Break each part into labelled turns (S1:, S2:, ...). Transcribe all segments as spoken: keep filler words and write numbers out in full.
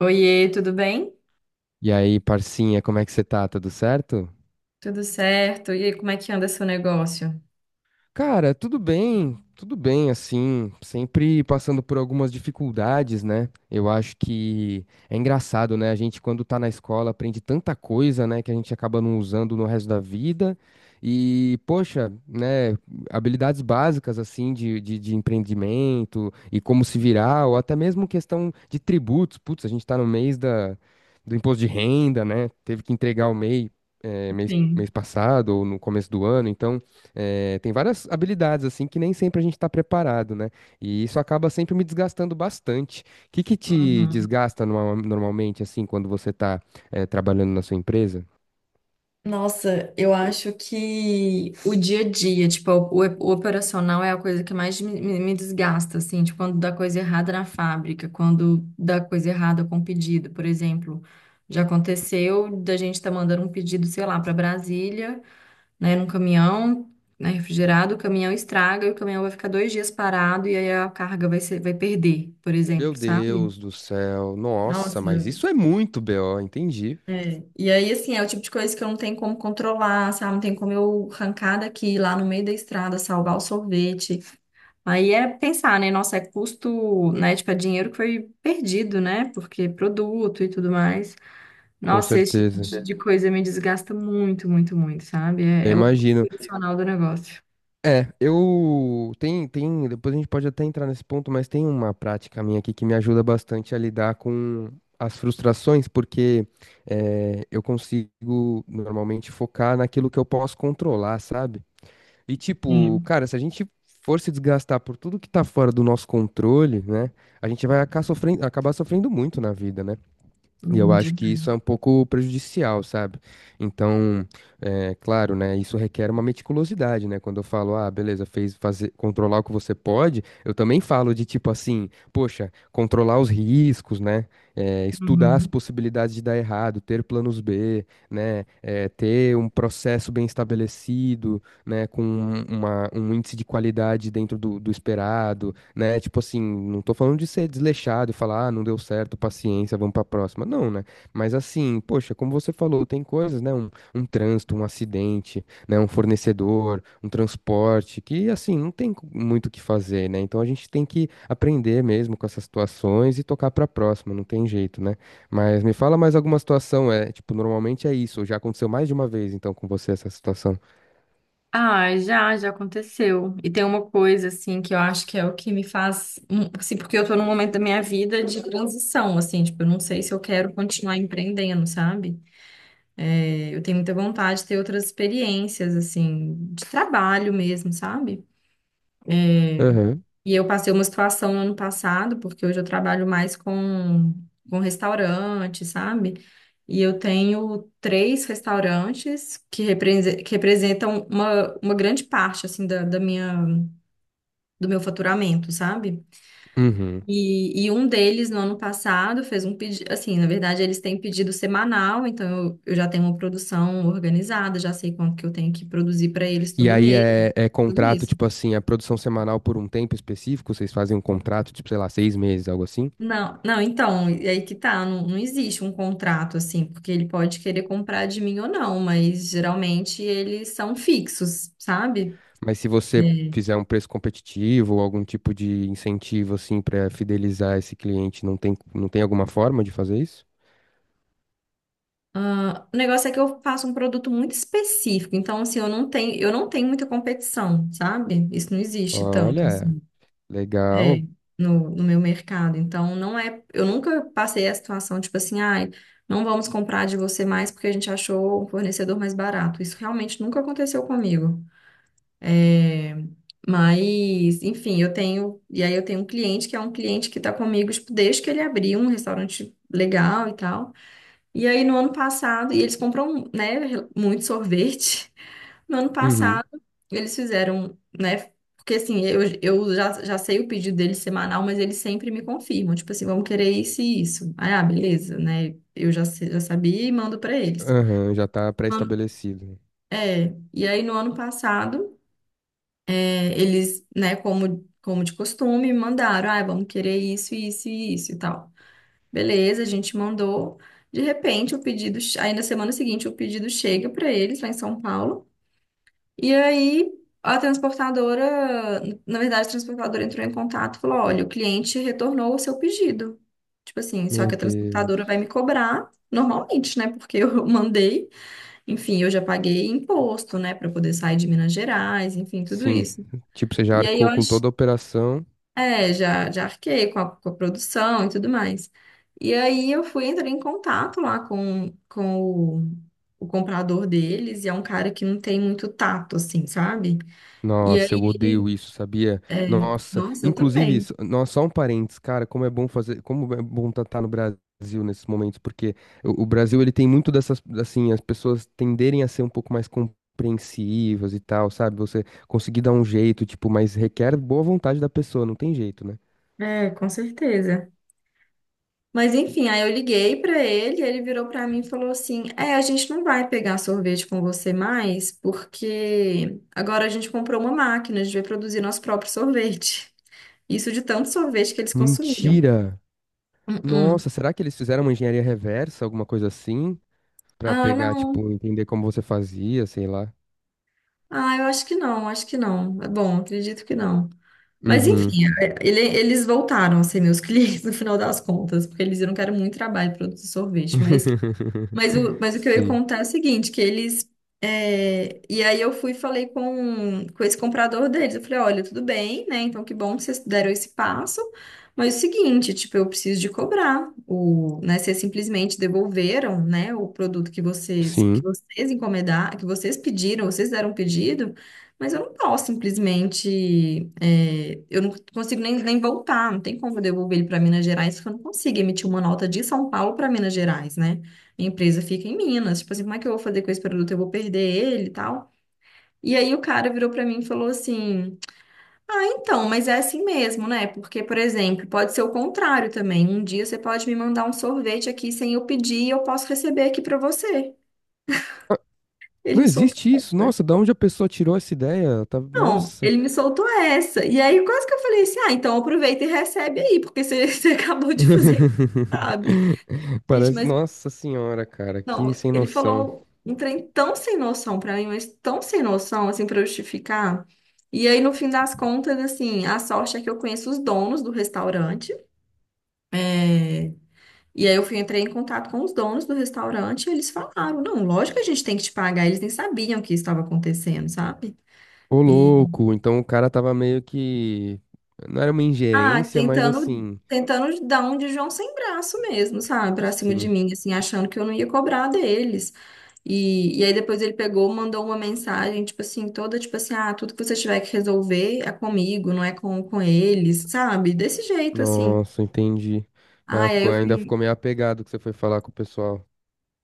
S1: Oiê, tudo bem?
S2: E aí, parcinha, como é que você tá? Tudo certo?
S1: Tudo certo? E aí, como é que anda seu negócio?
S2: Cara, tudo bem, tudo bem, assim, sempre passando por algumas dificuldades, né? Eu acho que é engraçado, né? A gente, quando tá na escola, aprende tanta coisa, né, que a gente acaba não usando no resto da vida. E, poxa, né, habilidades básicas, assim, de, de, de empreendimento e como se virar, ou até mesmo questão de tributos. Putz, a gente tá no mês da, do imposto de renda, né? Teve que entregar o M E I, eh, mês,
S1: Sim.
S2: mês passado ou no começo do ano, então. É, tem várias habilidades assim que nem sempre a gente está preparado, né? E isso acaba sempre me desgastando bastante. O que que te
S1: Uhum.
S2: desgasta norma- normalmente assim quando você está trabalhando na sua empresa?
S1: Nossa, eu acho que o dia a dia, tipo, o, o operacional é a coisa que mais me, me- me desgasta, assim, tipo, quando dá coisa errada na fábrica, quando dá coisa errada com pedido, por exemplo. Já aconteceu da gente estar mandando um pedido, sei lá, para Brasília, né, num caminhão, né, refrigerado, o caminhão estraga e o caminhão vai ficar dois dias parado e aí a carga vai ser, vai perder, por
S2: Meu
S1: exemplo, sabe?
S2: Deus do céu, nossa,
S1: Nossa,
S2: mas isso é muito B O, entendi.
S1: e aí assim, é o tipo de coisa que eu não tenho como controlar, sabe? Não tem como eu arrancar daqui, lá no meio da estrada, salvar o sorvete. Aí é pensar, né? Nossa, é custo, né? Tipo, é dinheiro que foi perdido, né? Porque produto e tudo mais.
S2: Com
S1: Nossa, esse tipo
S2: certeza.
S1: de de coisa me desgasta muito, muito, muito, sabe?
S2: Eu
S1: É, é o
S2: imagino.
S1: profissional do negócio.
S2: É, eu tem tem, depois a gente pode até entrar nesse ponto, mas tem uma prática minha aqui que me ajuda bastante a lidar com as frustrações, porque eh, eu consigo normalmente focar naquilo que eu posso controlar, sabe? E tipo,
S1: Sim,
S2: cara, se a gente for se desgastar por tudo que tá fora do nosso controle, né? A gente vai acabar sofrendo, acabar sofrendo muito na vida, né? E eu acho que
S1: entendi.
S2: isso é um pouco prejudicial, sabe? Então, é claro, né? Isso requer uma meticulosidade, né? Quando eu falo, ah, beleza, fez fazer, controlar o que você pode, eu também falo de tipo assim, poxa, controlar os riscos, né? É, estudar as possibilidades de dar errado, ter planos B, né? É, ter um processo bem estabelecido, né? Com uma- um índice de qualidade dentro do, do esperado, né? Tipo assim, não tô falando de ser desleixado e falar, ah, não deu certo, paciência, vamos pra próxima. Não, né? Mas assim, poxa, como você falou, tem coisas, né? Um, um trânsito, um acidente, né? Um fornecedor, um transporte, que assim, não tem co- muito o que fazer, né? Então a gente tem que aprender mesmo com essas situações e tocar pra próxima, não tem jeito, né? Mas me fala mais alguma situação, é, tipo, normalmente é isso, já aconteceu mais de uma vez, então, com você essa situação.
S1: Ah, já, já aconteceu. E tem uma coisa, assim, que eu acho que é o que me faz. hum, Assim, porque eu tô num momento da minha vida de transição, assim, tipo, eu não sei se eu quero continuar empreendendo, sabe? É, eu tenho muita vontade de ter outras experiências, assim, de trabalho mesmo, sabe?
S2: Aham.
S1: E eu passei uma situação no ano passado, porque hoje eu trabalho mais com, com restaurante, sabe? E eu tenho três restaurantes que, represe- que representam uma, uma grande parte assim da, da minha do meu faturamento, sabe?
S2: Uhum.
S1: E, e um deles, no ano passado, fez um pedido. Assim, na verdade, eles têm pedido semanal, então eu, eu já tenho uma produção organizada, já sei quanto que eu tenho que produzir para eles
S2: E
S1: todo
S2: aí
S1: mês,
S2: é, é
S1: tudo
S2: contrato,
S1: isso.
S2: tipo assim, a produção semanal por um tempo específico, vocês fazem um contrato, tipo, sei lá, seis meses, algo assim.
S1: Não, não, então, e aí que tá, não, não existe um contrato assim, porque ele pode querer comprar de mim ou não, mas geralmente eles são fixos, sabe?
S2: Mas se você
S1: É.
S2: fizer um preço competitivo ou algum tipo de incentivo, assim, pra fidelizar esse cliente, não tem, não tem alguma forma de fazer isso?
S1: Ah, o negócio é que eu faço um produto muito específico, então assim, eu não tenho, eu não tenho muita competição, sabe? Isso não existe tanto
S2: Olha,
S1: assim, é,
S2: legal.
S1: no, no meu mercado. Então não é, eu nunca passei a situação tipo assim, ai, não vamos comprar de você mais porque a gente achou um fornecedor mais barato. Isso realmente nunca aconteceu comigo. É, mas, enfim, eu tenho, e aí eu tenho um cliente que é um cliente que está comigo, tipo, desde que ele abriu um restaurante legal e tal. E aí, no ano passado, e eles compram, né, muito sorvete. No ano
S2: Uhum.
S1: passado, eles fizeram, né, porque assim, eu, eu já, já sei o pedido deles semanal, mas eles sempre me confirmam, tipo assim, vamos querer isso e isso. Aí, ah, beleza, né, eu já, sei- já sabia e mando pra eles.
S2: Aham, já tá
S1: Mano,
S2: pré-estabelecido.
S1: é, e aí no ano passado, é, eles, né, como, como de costume, mandaram, ah, vamos querer isso, isso e isso e tal. Beleza, a gente mandou. De repente, o pedido, che- aí na semana seguinte, o pedido chega para eles lá em São Paulo. E aí a transportadora, na verdade, a transportadora entrou em contato e falou: olha, o cliente retornou o seu pedido. Tipo assim, só
S2: Meu
S1: que a transportadora vai
S2: Deus.
S1: me cobrar normalmente, né? Porque eu mandei, enfim, eu já paguei imposto, né, para poder sair de Minas Gerais, enfim, tudo
S2: Sim.
S1: isso.
S2: Tipo, você já
S1: E aí eu
S2: arcou com
S1: acho
S2: toda a operação.
S1: é, já, já arquei com a, com a produção e tudo mais. E aí eu fui entrar em contato lá com, com o, o comprador deles, e é um cara que não tem muito tato, assim, sabe? E
S2: Nossa, eu
S1: aí
S2: odeio
S1: ele,
S2: isso, sabia? Nossa,
S1: nossa, eu
S2: inclusive,
S1: também.
S2: isso- nossa, só um parênteses, cara, como é bom fazer, como é bom estar no Brasil nesses momentos, porque o, o Brasil, ele tem muito dessas, assim, as pessoas tenderem a ser um pouco mais compreensivas e tal, sabe? Você conseguir dar um jeito, tipo, mas requer boa vontade da pessoa, não tem jeito, né?
S1: É, com certeza. Mas enfim, aí eu liguei pra ele, ele virou pra mim e falou assim: "É, a gente não vai pegar sorvete com você mais, porque agora a gente comprou uma máquina, a gente vai produzir nosso próprio sorvete." Isso de tanto sorvete que eles consumiam.
S2: Mentira!
S1: Uhum.
S2: Nossa, será que eles fizeram uma engenharia reversa, alguma coisa assim? Pra
S1: Ah,
S2: pegar,
S1: não.
S2: tipo, entender como você fazia, sei lá.
S1: Ah, eu acho que não, acho que não. É bom, acredito que não. Mas
S2: Uhum.
S1: enfim, é, ele- eles voltaram a ser meus clientes no final das contas, porque eles viram que era muito trabalho produzir sorvete. Mas Mas o, mas o que eu ia
S2: Sim,
S1: contar é o seguinte, que eles... é, E aí eu fui e falei com, com esse comprador deles. Eu falei, olha, tudo bem, né? Então que bom que vocês deram esse passo. Mas é o seguinte, tipo, eu preciso de cobrar. O, né, vocês simplesmente devolveram, né, o produto que vocês, que
S2: sim.
S1: vocês encomendaram, que vocês pediram, vocês deram um pedido, mas eu não posso simplesmente... é, eu não consigo nem, nem voltar, não tem como eu devolver ele para Minas Gerais, porque eu não consigo emitir uma nota de São Paulo para Minas Gerais, né? A empresa fica em Minas. Tipo assim, como é que eu vou fazer com esse produto? Eu vou perder ele e tal. E aí o cara virou pra mim e falou assim: ah, então, mas é assim mesmo, né? Porque, por exemplo, pode ser o contrário também. Um dia você pode me mandar um sorvete aqui sem eu pedir e eu posso receber aqui pra você.
S2: Ah,
S1: Ele
S2: não
S1: me soltou
S2: existe isso.
S1: essa.
S2: Nossa, da onde a pessoa tirou essa ideia? Tá-
S1: Não,
S2: Nossa.
S1: ele me soltou essa. E aí quase que eu falei assim: ah, então aproveita e recebe aí, porque você, você acabou de fazer, isso, sabe? Gente,
S2: Parece.
S1: mas
S2: Nossa senhora, cara, que
S1: não,
S2: sem
S1: ele
S2: noção.
S1: falou um trem tão sem noção pra mim, mas tão sem noção, assim, pra justificar. E aí, no fim das contas, assim, a sorte é que eu conheço os donos do restaurante. É, e aí eu fui, entrei em contato com os donos do restaurante e eles falaram, não, lógico que a gente tem que te pagar. Eles nem sabiam o que estava acontecendo, sabe?
S2: Ô, louco. Então o cara tava meio que. Não era uma
S1: Ah,
S2: ingerência, mas
S1: tentando,
S2: assim.
S1: tentando dar um de João sem braço mesmo, sabe? Pra cima de
S2: Sim.
S1: mim, assim, achando que eu não ia cobrar deles. E, e aí depois ele pegou, mandou uma mensagem, tipo assim, toda, tipo assim, ah, tudo que você tiver que resolver é comigo, não é com, com eles, sabe? Desse jeito, assim.
S2: Nossa, entendi. Ah,
S1: Ah, e aí
S2: ficou...
S1: eu
S2: Ainda
S1: fui,
S2: ficou meio apegado que você foi falar com o pessoal.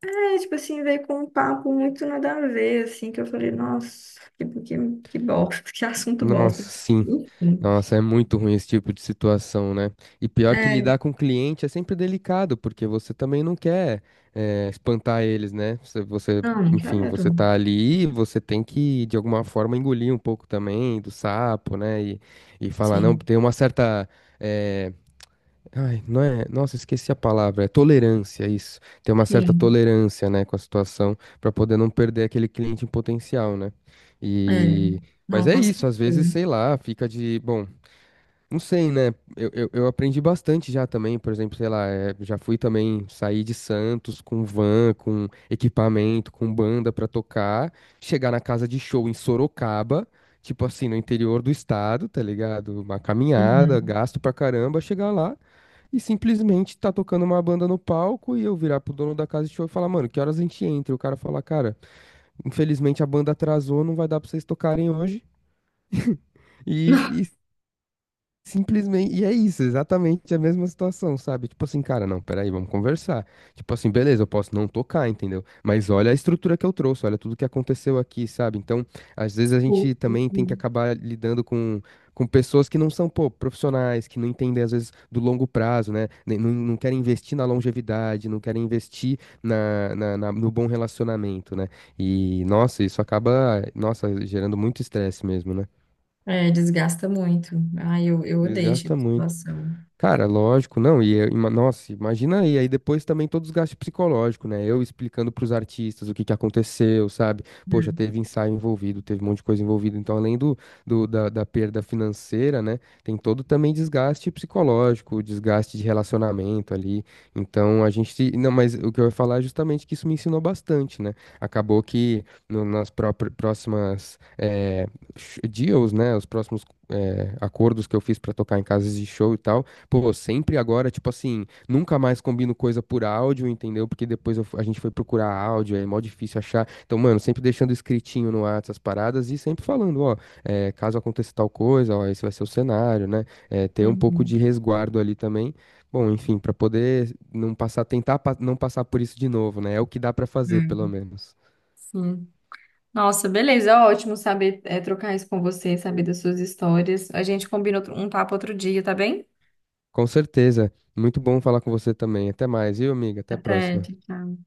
S1: é, tipo assim, veio com um papo muito nada a ver, assim, que eu falei, nossa, que, que, que bosta, que assunto bosta.
S2: Nossa, sim.
S1: Enfim.
S2: Nossa, é muito ruim esse tipo de situação, né? E pior que
S1: É,
S2: lidar com cliente é sempre delicado, porque você também não quer, eh, espantar eles, né? Você, você,
S1: não, não
S2: enfim, você
S1: quero.
S2: tá ali, você tem que, de alguma forma, engolir um pouco também do sapo, né? E, e falar, não,
S1: Sim,
S2: tem uma certa. Eh, ai, não é. Nossa, esqueci a palavra. É tolerância, isso. Tem uma certa
S1: sim,
S2: tolerância, né, com a situação, para poder não perder aquele cliente em potencial, né?
S1: é.
S2: E. Mas
S1: Não,
S2: é
S1: com certeza.
S2: isso, às vezes, sei lá, fica de, bom. Não sei, né? Eu, eu, eu aprendi bastante já também, por exemplo, sei lá, eh, já fui também sair de Santos com van, com equipamento, com banda pra tocar, chegar na casa de show em Sorocaba, tipo assim, no interior do estado, tá ligado? Uma caminhada,
S1: Uhum.
S2: gasto pra caramba, chegar lá e simplesmente tá tocando uma banda no palco e eu virar pro dono da casa de show e falar, mano, que horas a gente entra? E o cara falar, cara, infelizmente a banda atrasou, não vai dar pra vocês tocarem hoje. e Simplesmente, e é isso, exatamente a mesma situação, sabe? Tipo assim, cara, não, peraí, vamos conversar. Tipo assim, beleza, eu posso não tocar, entendeu? Mas olha a estrutura que eu trouxe, olha tudo que aconteceu aqui, sabe? Então, às vezes a
S1: Uhum.
S2: gente também tem que
S1: Uhum.
S2: acabar lidando com, com pessoas que não são, pô, profissionais, que não entendem, às vezes, do longo prazo, né? Nem- Não, não querem investir na longevidade, não querem investir na, na, na- no bom relacionamento, né? E, nossa, isso acaba, nossa, gerando muito estresse mesmo, né?
S1: É, desgasta muito. Ai, eu, eu odeio essa
S2: Desgasta muito.
S1: situação.
S2: Cara, lógico, não, e eu- ima- nossa, imagina aí, aí depois também todo o desgaste psicológico, né? Eu explicando pros artistas o que que aconteceu, sabe? Poxa,
S1: É.
S2: teve ensaio envolvido, teve um monte de coisa envolvida, então além do, do- da, da perda financeira, né? Tem todo também desgaste psicológico, desgaste de relacionamento ali. Então a gente, se- não, mas o que eu ia falar é justamente que isso me ensinou bastante, né? Acabou que no- nas própri- próximas eh, sh- deals, né? Os próximos eh, acordos que eu fiz pra tocar em casas de show e tal. Pô, sempre agora, tipo assim, nunca mais combino coisa por áudio, entendeu? Porque depois eu fu- a gente foi procurar áudio, é mó difícil achar. Então, mano, sempre deixando escritinho no WhatsApp as paradas e sempre falando, ó, é, caso aconteça tal coisa, ó, esse vai ser o cenário, né? É, ter um pouco de
S1: Uhum.
S2: resguardo ali também. Bom, enfim, pra poder não passar, tentar pa- não passar por isso de novo, né? É o que dá pra fazer, pelo
S1: É.
S2: menos.
S1: Sim. Nossa, beleza, ótimo saber é, trocar isso com você, saber das suas histórias. A gente combina outro- um papo outro dia, tá bem?
S2: Com certeza. Muito bom falar com você também. Até mais, viu, amiga? Até a
S1: Até,
S2: próxima.
S1: tchau. Tchau.